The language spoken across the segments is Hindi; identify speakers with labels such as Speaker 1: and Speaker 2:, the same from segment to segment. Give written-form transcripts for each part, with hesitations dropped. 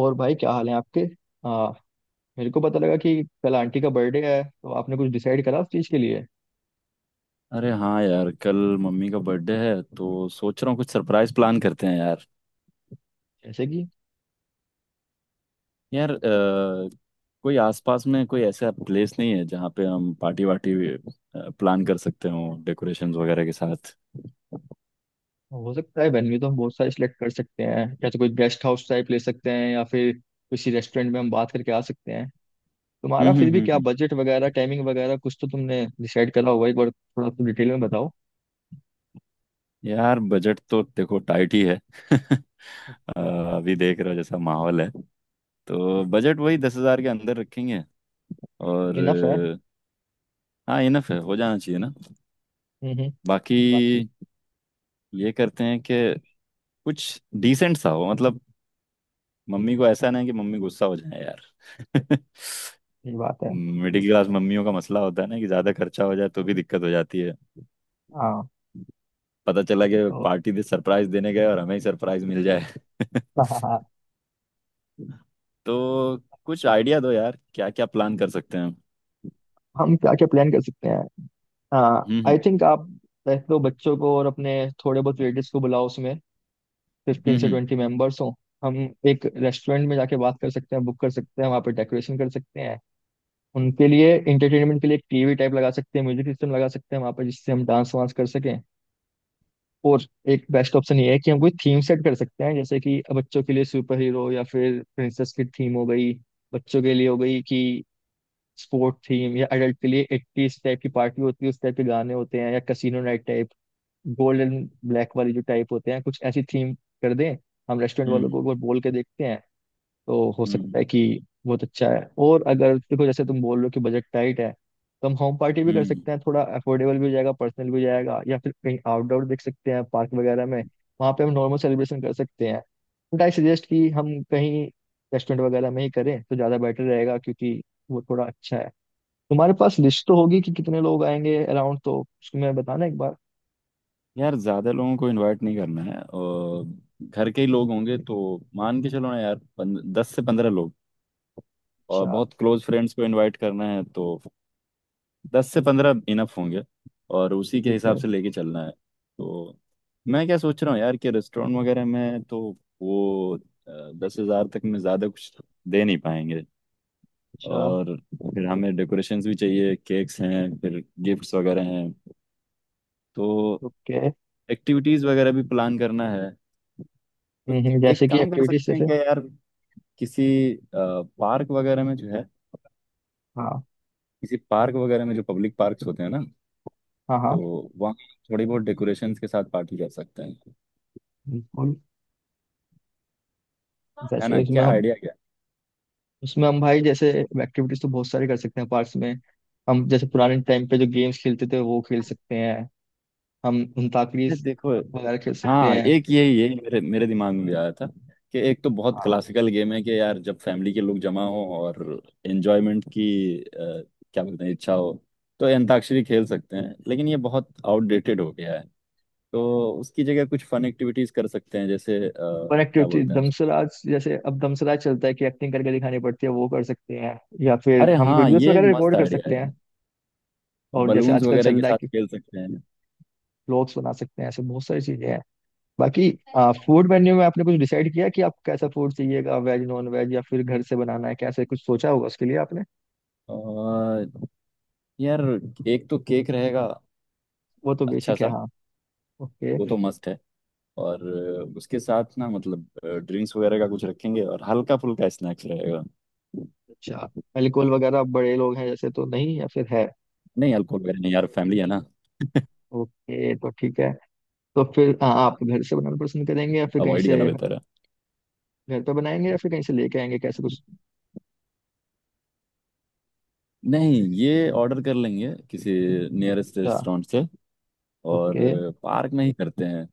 Speaker 1: और भाई क्या हाल है आपके। हाँ। मेरे को पता लगा कि कल आंटी का बर्थडे है, तो आपने कुछ डिसाइड करा उस चीज़ के लिए?
Speaker 2: अरे हाँ यार, कल मम्मी का बर्थडे है तो सोच रहा हूँ कुछ सरप्राइज प्लान करते हैं यार।
Speaker 1: जैसे कि?
Speaker 2: यार कोई आसपास में कोई ऐसा प्लेस नहीं है जहाँ पे हम पार्टी वार्टी प्लान कर सकते हो डेकोरेशंस वगैरह के साथ।
Speaker 1: हो सकता है वेन्यू तो हम बहुत सारे सिलेक्ट कर सकते हैं। या तो कोई गेस्ट हाउस टाइप ले सकते हैं या फिर किसी रेस्टोरेंट में हम बात करके आ सकते हैं। तुम्हारा
Speaker 2: हम्म हम्म
Speaker 1: फिर भी
Speaker 2: हम्म
Speaker 1: क्या
Speaker 2: हम्म।
Speaker 1: बजट वगैरह, टाइमिंग वगैरह कुछ तो तुमने डिसाइड करा होगा। एक बार थोड़ा तुम डिटेल में बताओ।
Speaker 2: यार बजट तो देखो टाइट ही है। अ,
Speaker 1: अच्छा।
Speaker 2: अभी देख रहे हो जैसा माहौल है तो बजट वही 10,000 के अंदर रखेंगे। और
Speaker 1: इनफ है।
Speaker 2: हाँ इनफ है, हो जाना चाहिए ना।
Speaker 1: हम्म।
Speaker 2: बाकी
Speaker 1: बाकी।
Speaker 2: ये करते हैं कि कुछ डिसेंट सा हो मतलब, मम्मी को ऐसा ना कि मम्मी गुस्सा हो जाए यार।
Speaker 1: ये बात है।
Speaker 2: मिडिल क्लास मम्मियों का मसला होता है ना कि ज्यादा खर्चा हो जाए तो भी दिक्कत हो जाती है।
Speaker 1: हाँ।
Speaker 2: पता चला कि
Speaker 1: तो
Speaker 2: पार्टी दे सरप्राइज देने गए और हमें ही सरप्राइज मिल जाए। तो कुछ आइडिया दो यार, क्या क्या प्लान कर सकते हैं हम?
Speaker 1: हम क्या क्या प्लान कर सकते हैं? हाँ, आई
Speaker 2: हम्म
Speaker 1: थिंक आप वैसे तो बच्चों को और अपने थोड़े बहुत रिलेटिव्स को बुलाओ, उसमें फिफ्टीन
Speaker 2: हम्म
Speaker 1: से
Speaker 2: हम्म
Speaker 1: ट्वेंटी मेंबर्स हों। हम एक रेस्टोरेंट में जाके बात कर सकते हैं, बुक कर सकते हैं, वहाँ पे डेकोरेशन कर सकते हैं। उनके लिए एंटरटेनमेंट के लिए एक टीवी टाइप लगा सकते हैं, म्यूजिक सिस्टम लगा सकते हैं वहाँ पे, जिससे हम डांस वांस कर सकें। और एक बेस्ट ऑप्शन ये है कि हम कोई थीम सेट कर सकते हैं, जैसे कि बच्चों के लिए सुपर हीरो या फिर प्रिंसेस की थीम हो गई। बच्चों के लिए हो गई कि स्पोर्ट थीम, या एडल्ट के लिए एट्टीज टाइप की पार्टी होती है, उस टाइप के गाने होते हैं, या casino night type. Gold and black वाली जो टाइप होते हैं, कुछ ऐसी थीम कर दें। हम रेस्टोरेंट वालों को
Speaker 2: हम्म
Speaker 1: एक बार बोल के देखते हैं, तो हो
Speaker 2: हम्म
Speaker 1: सकता है कि बहुत अच्छा है। और अगर देखो जैसे तुम बोल रहे हो कि बजट टाइट है, तो हम होम पार्टी भी कर
Speaker 2: हम्म।
Speaker 1: सकते हैं, थोड़ा अफोर्डेबल भी हो जाएगा, पर्सनल भी हो जाएगा, या फिर कहीं आउटडोर देख सकते हैं पार्क वगैरह में। वहाँ पे हम नॉर्मल सेलिब्रेशन कर सकते हैं। बट आई सजेस्ट कि हम कहीं रेस्टोरेंट वगैरह में ही करें तो ज़्यादा बेटर रहेगा, क्योंकि वो थोड़ा अच्छा है। तुम्हारे पास लिस्ट तो होगी कि कितने लोग आएंगे अराउंड, तो उसको मैं बताना एक बार।
Speaker 2: यार ज्यादा लोगों को इनवाइट नहीं करना है और घर के ही लोग होंगे तो मान के चलो ना यार पन, 10 से 15 लोग। और
Speaker 1: अच्छा।
Speaker 2: बहुत क्लोज फ्रेंड्स को इनवाइट करना है तो 10 से 15 इनफ होंगे और उसी के
Speaker 1: ठीक
Speaker 2: हिसाब
Speaker 1: है।
Speaker 2: से लेके चलना है। तो मैं क्या सोच रहा हूँ यार कि रेस्टोरेंट वगैरह में तो वो 10,000 तक में ज़्यादा कुछ दे नहीं पाएंगे।
Speaker 1: अच्छा।
Speaker 2: और फिर हमें डेकोरेशंस भी चाहिए, केक्स हैं, फिर गिफ्ट्स वगैरह हैं तो
Speaker 1: ओके।
Speaker 2: एक्टिविटीज़ वगैरह भी प्लान करना है। तो एक
Speaker 1: जैसे कि
Speaker 2: काम कर
Speaker 1: एक्टिविटीज
Speaker 2: सकते हैं
Speaker 1: जैसे?
Speaker 2: क्या यार, किसी पार्क वगैरह में जो है,
Speaker 1: हाँ
Speaker 2: किसी पार्क वगैरह में जो पब्लिक पार्क्स होते हैं ना,
Speaker 1: हाँ
Speaker 2: तो
Speaker 1: हाँ।
Speaker 2: वहाँ थोड़ी बहुत डेकोरेशंस के साथ पार्टी कर सकते हैं।
Speaker 1: बिल्कुल।
Speaker 2: है ना,
Speaker 1: जैसे
Speaker 2: क्या आइडिया क्या।
Speaker 1: उसमें हम भाई जैसे एक्टिविटीज तो बहुत सारी कर सकते हैं पार्क्स में। हम जैसे पुराने टाइम पे जो गेम्स खेलते थे वो खेल सकते हैं। हम अंताक्षरी
Speaker 2: ये देखो।
Speaker 1: वगैरह खेल सकते
Speaker 2: हाँ
Speaker 1: हैं।
Speaker 2: एक यही यही मेरे मेरे दिमाग में भी आया था कि एक तो बहुत
Speaker 1: हाँ,
Speaker 2: क्लासिकल गेम है कि यार जब फैमिली के लोग जमा हो और एंजॉयमेंट की अ, क्या बोलते हैं इच्छा हो, तो ये अंताक्षरी खेल सकते हैं, लेकिन ये बहुत आउटडेटेड हो गया है। तो उसकी जगह कुछ फन एक्टिविटीज कर सकते हैं जैसे
Speaker 1: पर
Speaker 2: क्या
Speaker 1: एक्टिविटी
Speaker 2: बोलते हैं उसको।
Speaker 1: दमसराज जैसे, अब दमसराज चलता है कि एक्टिंग करके दिखानी पड़ती है, वो कर सकते हैं। या फिर
Speaker 2: अरे
Speaker 1: हम
Speaker 2: हाँ
Speaker 1: वीडियोस
Speaker 2: ये
Speaker 1: वगैरह
Speaker 2: मस्त
Speaker 1: रिकॉर्ड कर
Speaker 2: आइडिया
Speaker 1: सकते
Speaker 2: है।
Speaker 1: हैं। और जैसे
Speaker 2: बलून्स
Speaker 1: आजकल
Speaker 2: वगैरह
Speaker 1: चल
Speaker 2: के
Speaker 1: रहा है
Speaker 2: साथ
Speaker 1: कि
Speaker 2: खेल सकते हैं।
Speaker 1: ब्लॉग्स बना सकते हैं, ऐसे बहुत सारी चीजें हैं। बाकी, फूड मेन्यू में आपने कुछ डिसाइड किया कि आपको कैसा फूड चाहिएगा, वेज नॉन वेज या फिर घर से बनाना है, कैसे? कुछ सोचा होगा उसके लिए आपने।
Speaker 2: और यार एक तो केक रहेगा
Speaker 1: वो तो
Speaker 2: अच्छा
Speaker 1: बेसिक है,
Speaker 2: सा,
Speaker 1: हाँ। ओके।
Speaker 2: वो तो मस्त है। और उसके साथ ना मतलब ड्रिंक्स वगैरह का कुछ रखेंगे और हल्का फुल्का स्नैक्स रहेगा।
Speaker 1: अच्छा। अल्कोहल वगैरह बड़े लोग हैं जैसे, तो नहीं या फिर है?
Speaker 2: नहीं अल्कोहल वगैरह नहीं यार, फैमिली है ना,
Speaker 1: ओके, तो ठीक है। तो फिर हाँ, आप घर से बनाना पसंद करेंगे या फिर कहीं
Speaker 2: अवॉइड
Speaker 1: से?
Speaker 2: करना बेहतर है।
Speaker 1: घर पे बनाएंगे या फिर कहीं से लेके आएंगे, कैसे कुछ?
Speaker 2: नहीं ये ऑर्डर कर लेंगे किसी नियरेस्ट
Speaker 1: अच्छा।
Speaker 2: रेस्टोरेंट से और
Speaker 1: ओके।
Speaker 2: पार्क में ही करते हैं।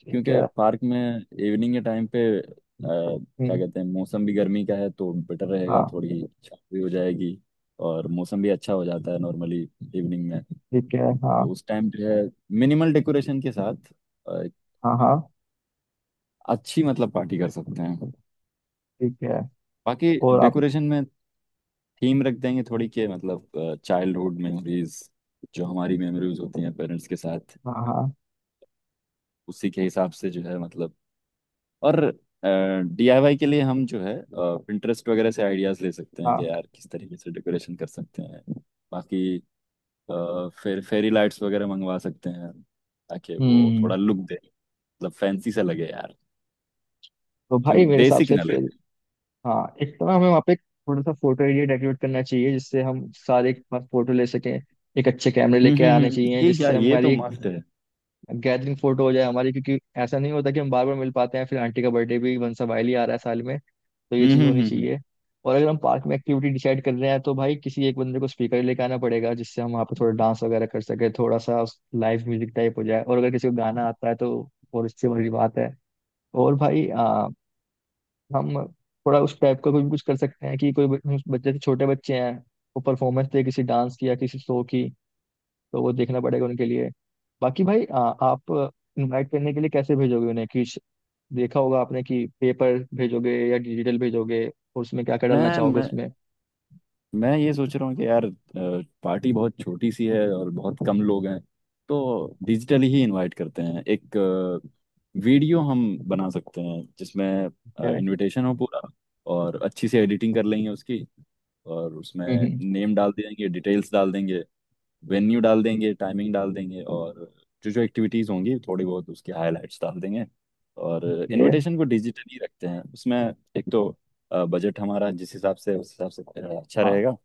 Speaker 1: ठीक
Speaker 2: क्योंकि
Speaker 1: है।
Speaker 2: पार्क में इवनिंग के टाइम पे क्या
Speaker 1: हम्म,
Speaker 2: कहते हैं मौसम भी गर्मी का है तो बेटर रहेगा,
Speaker 1: हाँ।
Speaker 2: थोड़ी छाँव भी हो जाएगी और मौसम भी अच्छा हो जाता है नॉर्मली इवनिंग में।
Speaker 1: ठीक है।
Speaker 2: और
Speaker 1: हाँ
Speaker 2: उस टाइम जो है मिनिमल डेकोरेशन के साथ
Speaker 1: हाँ हाँ।
Speaker 2: अच्छी मतलब पार्टी कर सकते हैं।
Speaker 1: ठीक है।
Speaker 2: बाकी
Speaker 1: और आप?
Speaker 2: डेकोरेशन में थीम रख देंगे थोड़ी के मतलब चाइल्डहुड मेमोरीज, जो हमारी मेमोरीज होती हैं पेरेंट्स के साथ,
Speaker 1: हाँ हाँ
Speaker 2: उसी के हिसाब से जो है मतलब। और डीआईवाई के लिए हम जो है पिंटरेस्ट वगैरह से आइडियाज ले सकते हैं कि
Speaker 1: हाँ।
Speaker 2: यार किस तरीके से डेकोरेशन कर सकते हैं। बाकी फिर फेरी लाइट्स वगैरह मंगवा सकते हैं ताकि वो
Speaker 1: हम्म।
Speaker 2: थोड़ा लुक दे, मतलब फैंसी सा लगे यार,
Speaker 1: तो भाई
Speaker 2: क्योंकि
Speaker 1: मेरे हिसाब
Speaker 2: बेसिक
Speaker 1: से
Speaker 2: ना
Speaker 1: फिर,
Speaker 2: लगे।
Speaker 1: हाँ, एक तो ना हमें वहाँ पे थोड़ा सा फोटो एरिया डेकोरेट करना चाहिए, जिससे हम सारे एक साथ फोटो ले सकें। एक अच्छे कैमरे लेके आने
Speaker 2: हम्म,
Speaker 1: चाहिए
Speaker 2: ये
Speaker 1: जिससे
Speaker 2: यार ये
Speaker 1: हमारी
Speaker 2: तो
Speaker 1: एक
Speaker 2: मस्त है।
Speaker 1: गैदरिंग फोटो हो जाए हमारी, क्योंकि ऐसा नहीं होता कि हम बार बार मिल पाते हैं। फिर आंटी का बर्थडे भी वंसा वाइली आ रहा है साल में, तो ये
Speaker 2: हम्म
Speaker 1: चीज़
Speaker 2: हम्म
Speaker 1: होनी
Speaker 2: हम्म हम्म।
Speaker 1: चाहिए। और अगर हम पार्क में एक्टिविटी डिसाइड कर रहे हैं, तो भाई किसी एक बंदे को स्पीकर लेके आना पड़ेगा, जिससे हम वहाँ पे थोड़ा डांस वगैरह कर सके, थोड़ा सा लाइव म्यूजिक टाइप हो जाए, और अगर किसी को गाना आता है तो। और इससे बड़ी बात है। और भाई हम थोड़ा उस टाइप का कुछ कुछ कर सकते हैं कि कोई हम बच्चे से छोटे बच्चे हैं, वो परफॉर्मेंस दे किसी डांस की या किसी शो की, तो वो देखना पड़ेगा उनके लिए। बाकी भाई आप इनवाइट करने के लिए कैसे भेजोगे उन्हें कि देखा होगा आपने कि पेपर भेजोगे या डिजिटल भेजोगे, और उसमें क्या क्या डालना
Speaker 2: मैं
Speaker 1: चाहोगे
Speaker 2: मैं
Speaker 1: उसमें?
Speaker 2: मैं ये सोच रहा हूँ कि यार पार्टी बहुत छोटी सी है और बहुत कम लोग हैं, तो डिजिटली ही इनवाइट करते हैं। एक वीडियो हम बना सकते हैं जिसमें
Speaker 1: क्या?
Speaker 2: इनविटेशन हो पूरा और अच्छी सी एडिटिंग कर लेंगे उसकी। और उसमें
Speaker 1: हम्म हम्म,
Speaker 2: नेम डाल देंगे, डिटेल्स डाल देंगे, वेन्यू डाल देंगे, टाइमिंग डाल देंगे और जो जो एक्टिविटीज़ होंगी थोड़ी बहुत उसकी हाइलाइट्स डाल देंगे। और
Speaker 1: ये?
Speaker 2: इनविटेशन को डिजिटली रखते हैं, उसमें एक तो बजट हमारा जिस हिसाब से उस हिसाब से अच्छा
Speaker 1: हाँ
Speaker 2: रहेगा।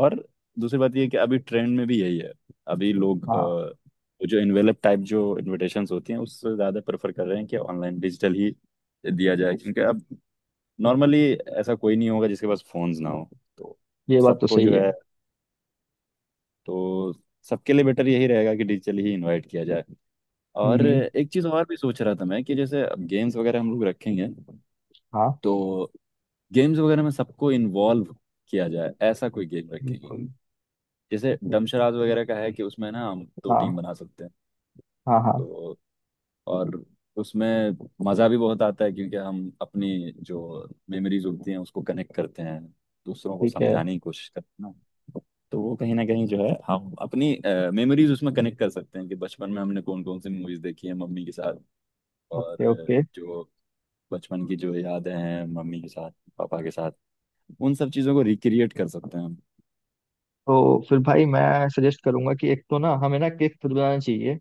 Speaker 2: और दूसरी बात ये है कि अभी ट्रेंड में भी यही है, अभी लोग
Speaker 1: हाँ।
Speaker 2: वो जो इनवेलप टाइप जो इनविटेशंस होती हैं उससे ज़्यादा प्रेफर कर रहे हैं कि ऑनलाइन डिजिटल ही दिया जाए। क्योंकि अब नॉर्मली ऐसा कोई नहीं होगा जिसके पास फोन्स ना हो। तो
Speaker 1: ये बात तो
Speaker 2: सबको
Speaker 1: सही
Speaker 2: जो
Speaker 1: है।
Speaker 2: है, तो सबके लिए बेटर यही रहेगा कि डिजिटली ही इनवाइट किया जाए।
Speaker 1: हम्म
Speaker 2: और
Speaker 1: हम्म,
Speaker 2: एक चीज़ और भी सोच रहा था मैं कि जैसे अब गेम्स वगैरह हम लोग रखेंगे,
Speaker 1: हाँ।
Speaker 2: तो गेम्स वगैरह में सबको इन्वॉल्व किया जाए, ऐसा कोई गेम रखेंगे
Speaker 1: बिल्कुल।
Speaker 2: जैसे डमशराज वगैरह का है कि उसमें ना हम दो टीम
Speaker 1: हाँ
Speaker 2: बना सकते हैं।
Speaker 1: हाँ हाँ।
Speaker 2: तो और उसमें मज़ा भी बहुत आता है क्योंकि हम अपनी जो मेमोरीज होती हैं उसको कनेक्ट करते हैं, दूसरों को
Speaker 1: ठीक है।
Speaker 2: समझाने की कोशिश करते हैं ना। तो वो कहीं ना कहीं जो है हम अपनी मेमोरीज उसमें कनेक्ट कर सकते हैं कि बचपन में हमने कौन कौन सी मूवीज देखी है मम्मी के साथ। और
Speaker 1: ओके ओके।
Speaker 2: जो बचपन की जो यादें हैं मम्मी के साथ, पापा के साथ, उन सब चीज़ों को रिक्रिएट कर सकते हैं हम।
Speaker 1: तो फिर भाई मैं सजेस्ट करूंगा कि एक तो ना हमें ना केक खुद बनाना चाहिए।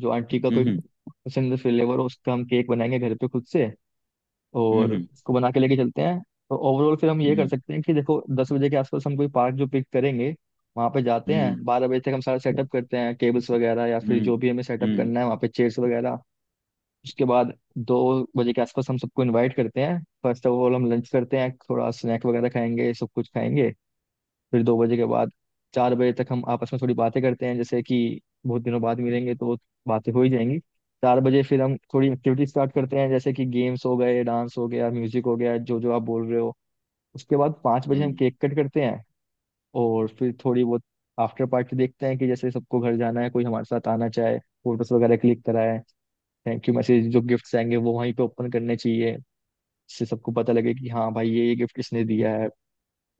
Speaker 1: जो आंटी का कोई
Speaker 2: हम्म
Speaker 1: पसंद फ्लेवर हो, उसका हम केक बनाएंगे घर पे खुद से,
Speaker 2: हम्म
Speaker 1: और
Speaker 2: हम्म
Speaker 1: उसको बना के लेके चलते हैं। तो ओवरऑल फिर हम ये कर
Speaker 2: हम्म
Speaker 1: सकते हैं कि देखो, 10 बजे के आसपास हम कोई पार्क जो पिक करेंगे, वहाँ पे जाते
Speaker 2: हम्म।
Speaker 1: हैं, 12 बजे तक हम सारा सेटअप करते हैं, टेबल्स वगैरह या फिर
Speaker 2: हम्म
Speaker 1: जो भी हमें सेटअप
Speaker 2: हम्म
Speaker 1: करना है वहाँ पे, चेयर्स वगैरह। उसके बाद 2 बजे के आसपास हम सबको इनवाइट करते हैं, फर्स्ट ऑफ ऑल हम लंच करते हैं, थोड़ा स्नैक वगैरह खाएंगे, सब कुछ खाएंगे। फिर 2 बजे के बाद 4 बजे तक हम आपस में थोड़ी बातें करते हैं, जैसे कि बहुत दिनों बाद मिलेंगे तो बातें हो ही जाएंगी। 4 बजे फिर हम थोड़ी एक्टिविटी स्टार्ट करते हैं, जैसे कि गेम्स हो गए, डांस हो गया, म्यूजिक हो गया, जो जो आप बोल रहे हो। उसके बाद 5 बजे हम
Speaker 2: हम्म।
Speaker 1: केक कट करते हैं। और फिर थोड़ी बहुत आफ्टर पार्टी देखते हैं कि जैसे सबको घर जाना है, कोई हमारे साथ आना चाहे। फोटोज वगैरह क्लिक कराए। Thank you message. जो गिफ्ट्स आएंगे वो वहीं पे ओपन करने चाहिए, जिससे सबको पता लगे कि हाँ भाई ये गिफ्ट किसने दिया है।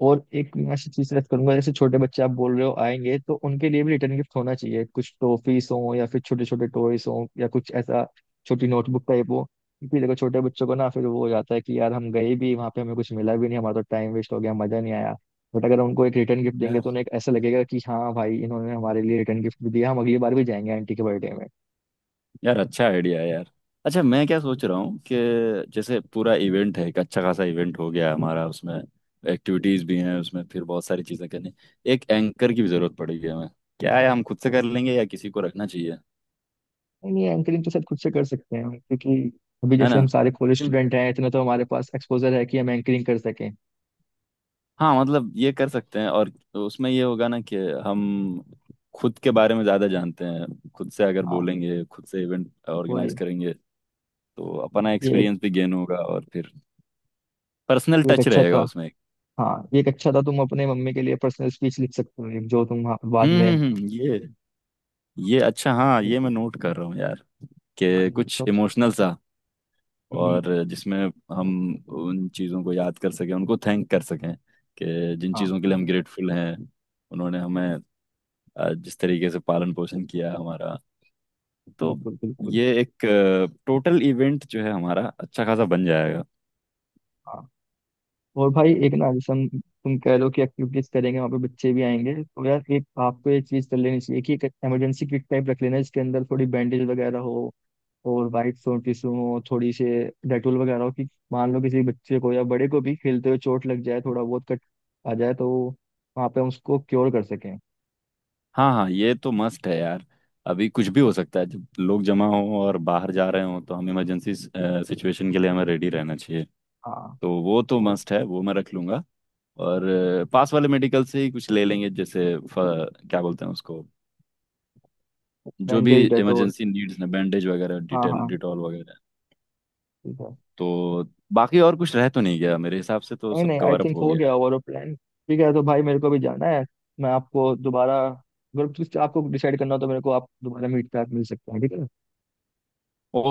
Speaker 1: और एक मैं ऐसी चीज सजेस्ट करूंगा, जैसे छोटे बच्चे आप बोल रहे हो आएंगे, तो उनके लिए भी रिटर्न गिफ्ट होना चाहिए, कुछ टॉफीस हो या फिर छोटे छोटे टॉयस हो, या कुछ ऐसा छोटी नोटबुक टाइप हो। क्योंकि देखो छोटे बच्चों को ना फिर वो हो जाता है कि यार हम गए भी वहाँ पे, हमें कुछ मिला भी नहीं, हमारा तो टाइम वेस्ट हो गया, मजा नहीं आया। बट अगर उनको एक रिटर्न गिफ्ट देंगे तो
Speaker 2: यार
Speaker 1: उन्हें एक ऐसा लगेगा कि हाँ भाई इन्होंने हमारे लिए रिटर्न गिफ्ट भी दिया, हम अगली बार भी जाएंगे आंटी के बर्थडे में।
Speaker 2: यार अच्छा आइडिया है यार। अच्छा मैं क्या सोच रहा हूँ कि जैसे पूरा इवेंट है, एक अच्छा खासा इवेंट हो गया हमारा, उसमें एक्टिविटीज भी हैं, उसमें फिर बहुत सारी चीजें करनी। एक एंकर की भी जरूरत पड़ेगी हमें, क्या है हम खुद से कर लेंगे या किसी को रखना चाहिए।
Speaker 1: नहीं, ये एंकरिंग तो शायद खुद से कर सकते हैं, क्योंकि अभी
Speaker 2: है
Speaker 1: जैसे
Speaker 2: ना,
Speaker 1: हम सारे कॉलेज
Speaker 2: क्योंकि
Speaker 1: स्टूडेंट हैं, इतना तो हमारे पास एक्सपोजर है कि हम एंकरिंग कर सकें।
Speaker 2: हाँ मतलब ये कर सकते हैं और उसमें ये होगा ना कि हम खुद के बारे में ज्यादा जानते हैं, खुद से अगर
Speaker 1: हाँ।
Speaker 2: बोलेंगे, खुद से इवेंट ऑर्गेनाइज
Speaker 1: वही।
Speaker 2: करेंगे तो अपना
Speaker 1: ये एक
Speaker 2: एक्सपीरियंस भी गेन होगा और फिर पर्सनल
Speaker 1: ये एक
Speaker 2: टच
Speaker 1: अच्छा
Speaker 2: रहेगा
Speaker 1: था।
Speaker 2: उसमें।
Speaker 1: हाँ, ये एक अच्छा था, तुम अपने मम्मी के लिए पर्सनल स्पीच लिख सकते हो एक, जो तुम हाँ, बाद
Speaker 2: हम्म
Speaker 1: में।
Speaker 2: हम्म हम्म, ये ये अच्छा हाँ, ये मैं नोट कर रहा हूँ यार
Speaker 1: बाद
Speaker 2: कि
Speaker 1: में
Speaker 2: कुछ इमोशनल सा।
Speaker 1: हम्म,
Speaker 2: और जिसमें हम उन चीज़ों को याद कर सकें, उनको थैंक कर सकें कि जिन
Speaker 1: हाँ।
Speaker 2: चीज़ों के लिए हम ग्रेटफुल हैं, उन्होंने हमें जिस तरीके से पालन पोषण किया हमारा। तो
Speaker 1: बिल्कुल बिल्कुल।
Speaker 2: ये एक टोटल इवेंट जो है हमारा अच्छा खासा बन जाएगा।
Speaker 1: हाँ। और भाई एक ना, जैसे हम, तुम कह लो कि एक्टिविटीज करेंगे वहाँ पे बच्चे भी आएंगे, तो यार एक आपको एक चीज कर लेनी चाहिए कि एक इमरजेंसी किट टाइप रख लेना, जिसके अंदर थोड़ी बैंडेज वगैरह हो, और वाइट सोन टिश्यू हो थोड़ी से, डेटोल वगैरह हो, कि मान लो किसी बच्चे को या बड़े को भी खेलते हुए चोट लग जाए, थोड़ा बहुत कट आ जाए तो वहाँ पे हम उसको क्योर कर सकें।
Speaker 2: हाँ हाँ ये तो मस्ट है यार, अभी कुछ भी हो सकता है जब लोग जमा हों और बाहर जा रहे हों तो हम इमरजेंसी सिचुएशन के लिए हमें रेडी रहना चाहिए।
Speaker 1: हाँ।
Speaker 2: तो वो तो
Speaker 1: और
Speaker 2: मस्ट है, वो मैं रख लूंगा। और पास वाले मेडिकल से ही कुछ ले लेंगे जैसे क्या बोलते हैं उसको, जो भी
Speaker 1: बैंडेज डेटोल।
Speaker 2: इमरजेंसी नीड्स ने बैंडेज वगैरह,
Speaker 1: हाँ
Speaker 2: डिटेल
Speaker 1: हाँ
Speaker 2: डिटॉल वगैरह।
Speaker 1: ठीक है।
Speaker 2: तो बाकी और कुछ रह तो नहीं गया मेरे हिसाब से, तो
Speaker 1: नहीं
Speaker 2: सब
Speaker 1: नहीं, आई
Speaker 2: कवर अप
Speaker 1: थिंक
Speaker 2: हो
Speaker 1: हो गया,
Speaker 2: गया
Speaker 1: ओवरऑल प्लान ठीक है, तो भाई मेरे को भी जाना है। मैं आपको दोबारा, अगर कुछ आपको डिसाइड करना हो तो मेरे को आप दोबारा मीट पे आप मिल सकते हैं, ठीक है।
Speaker 2: है।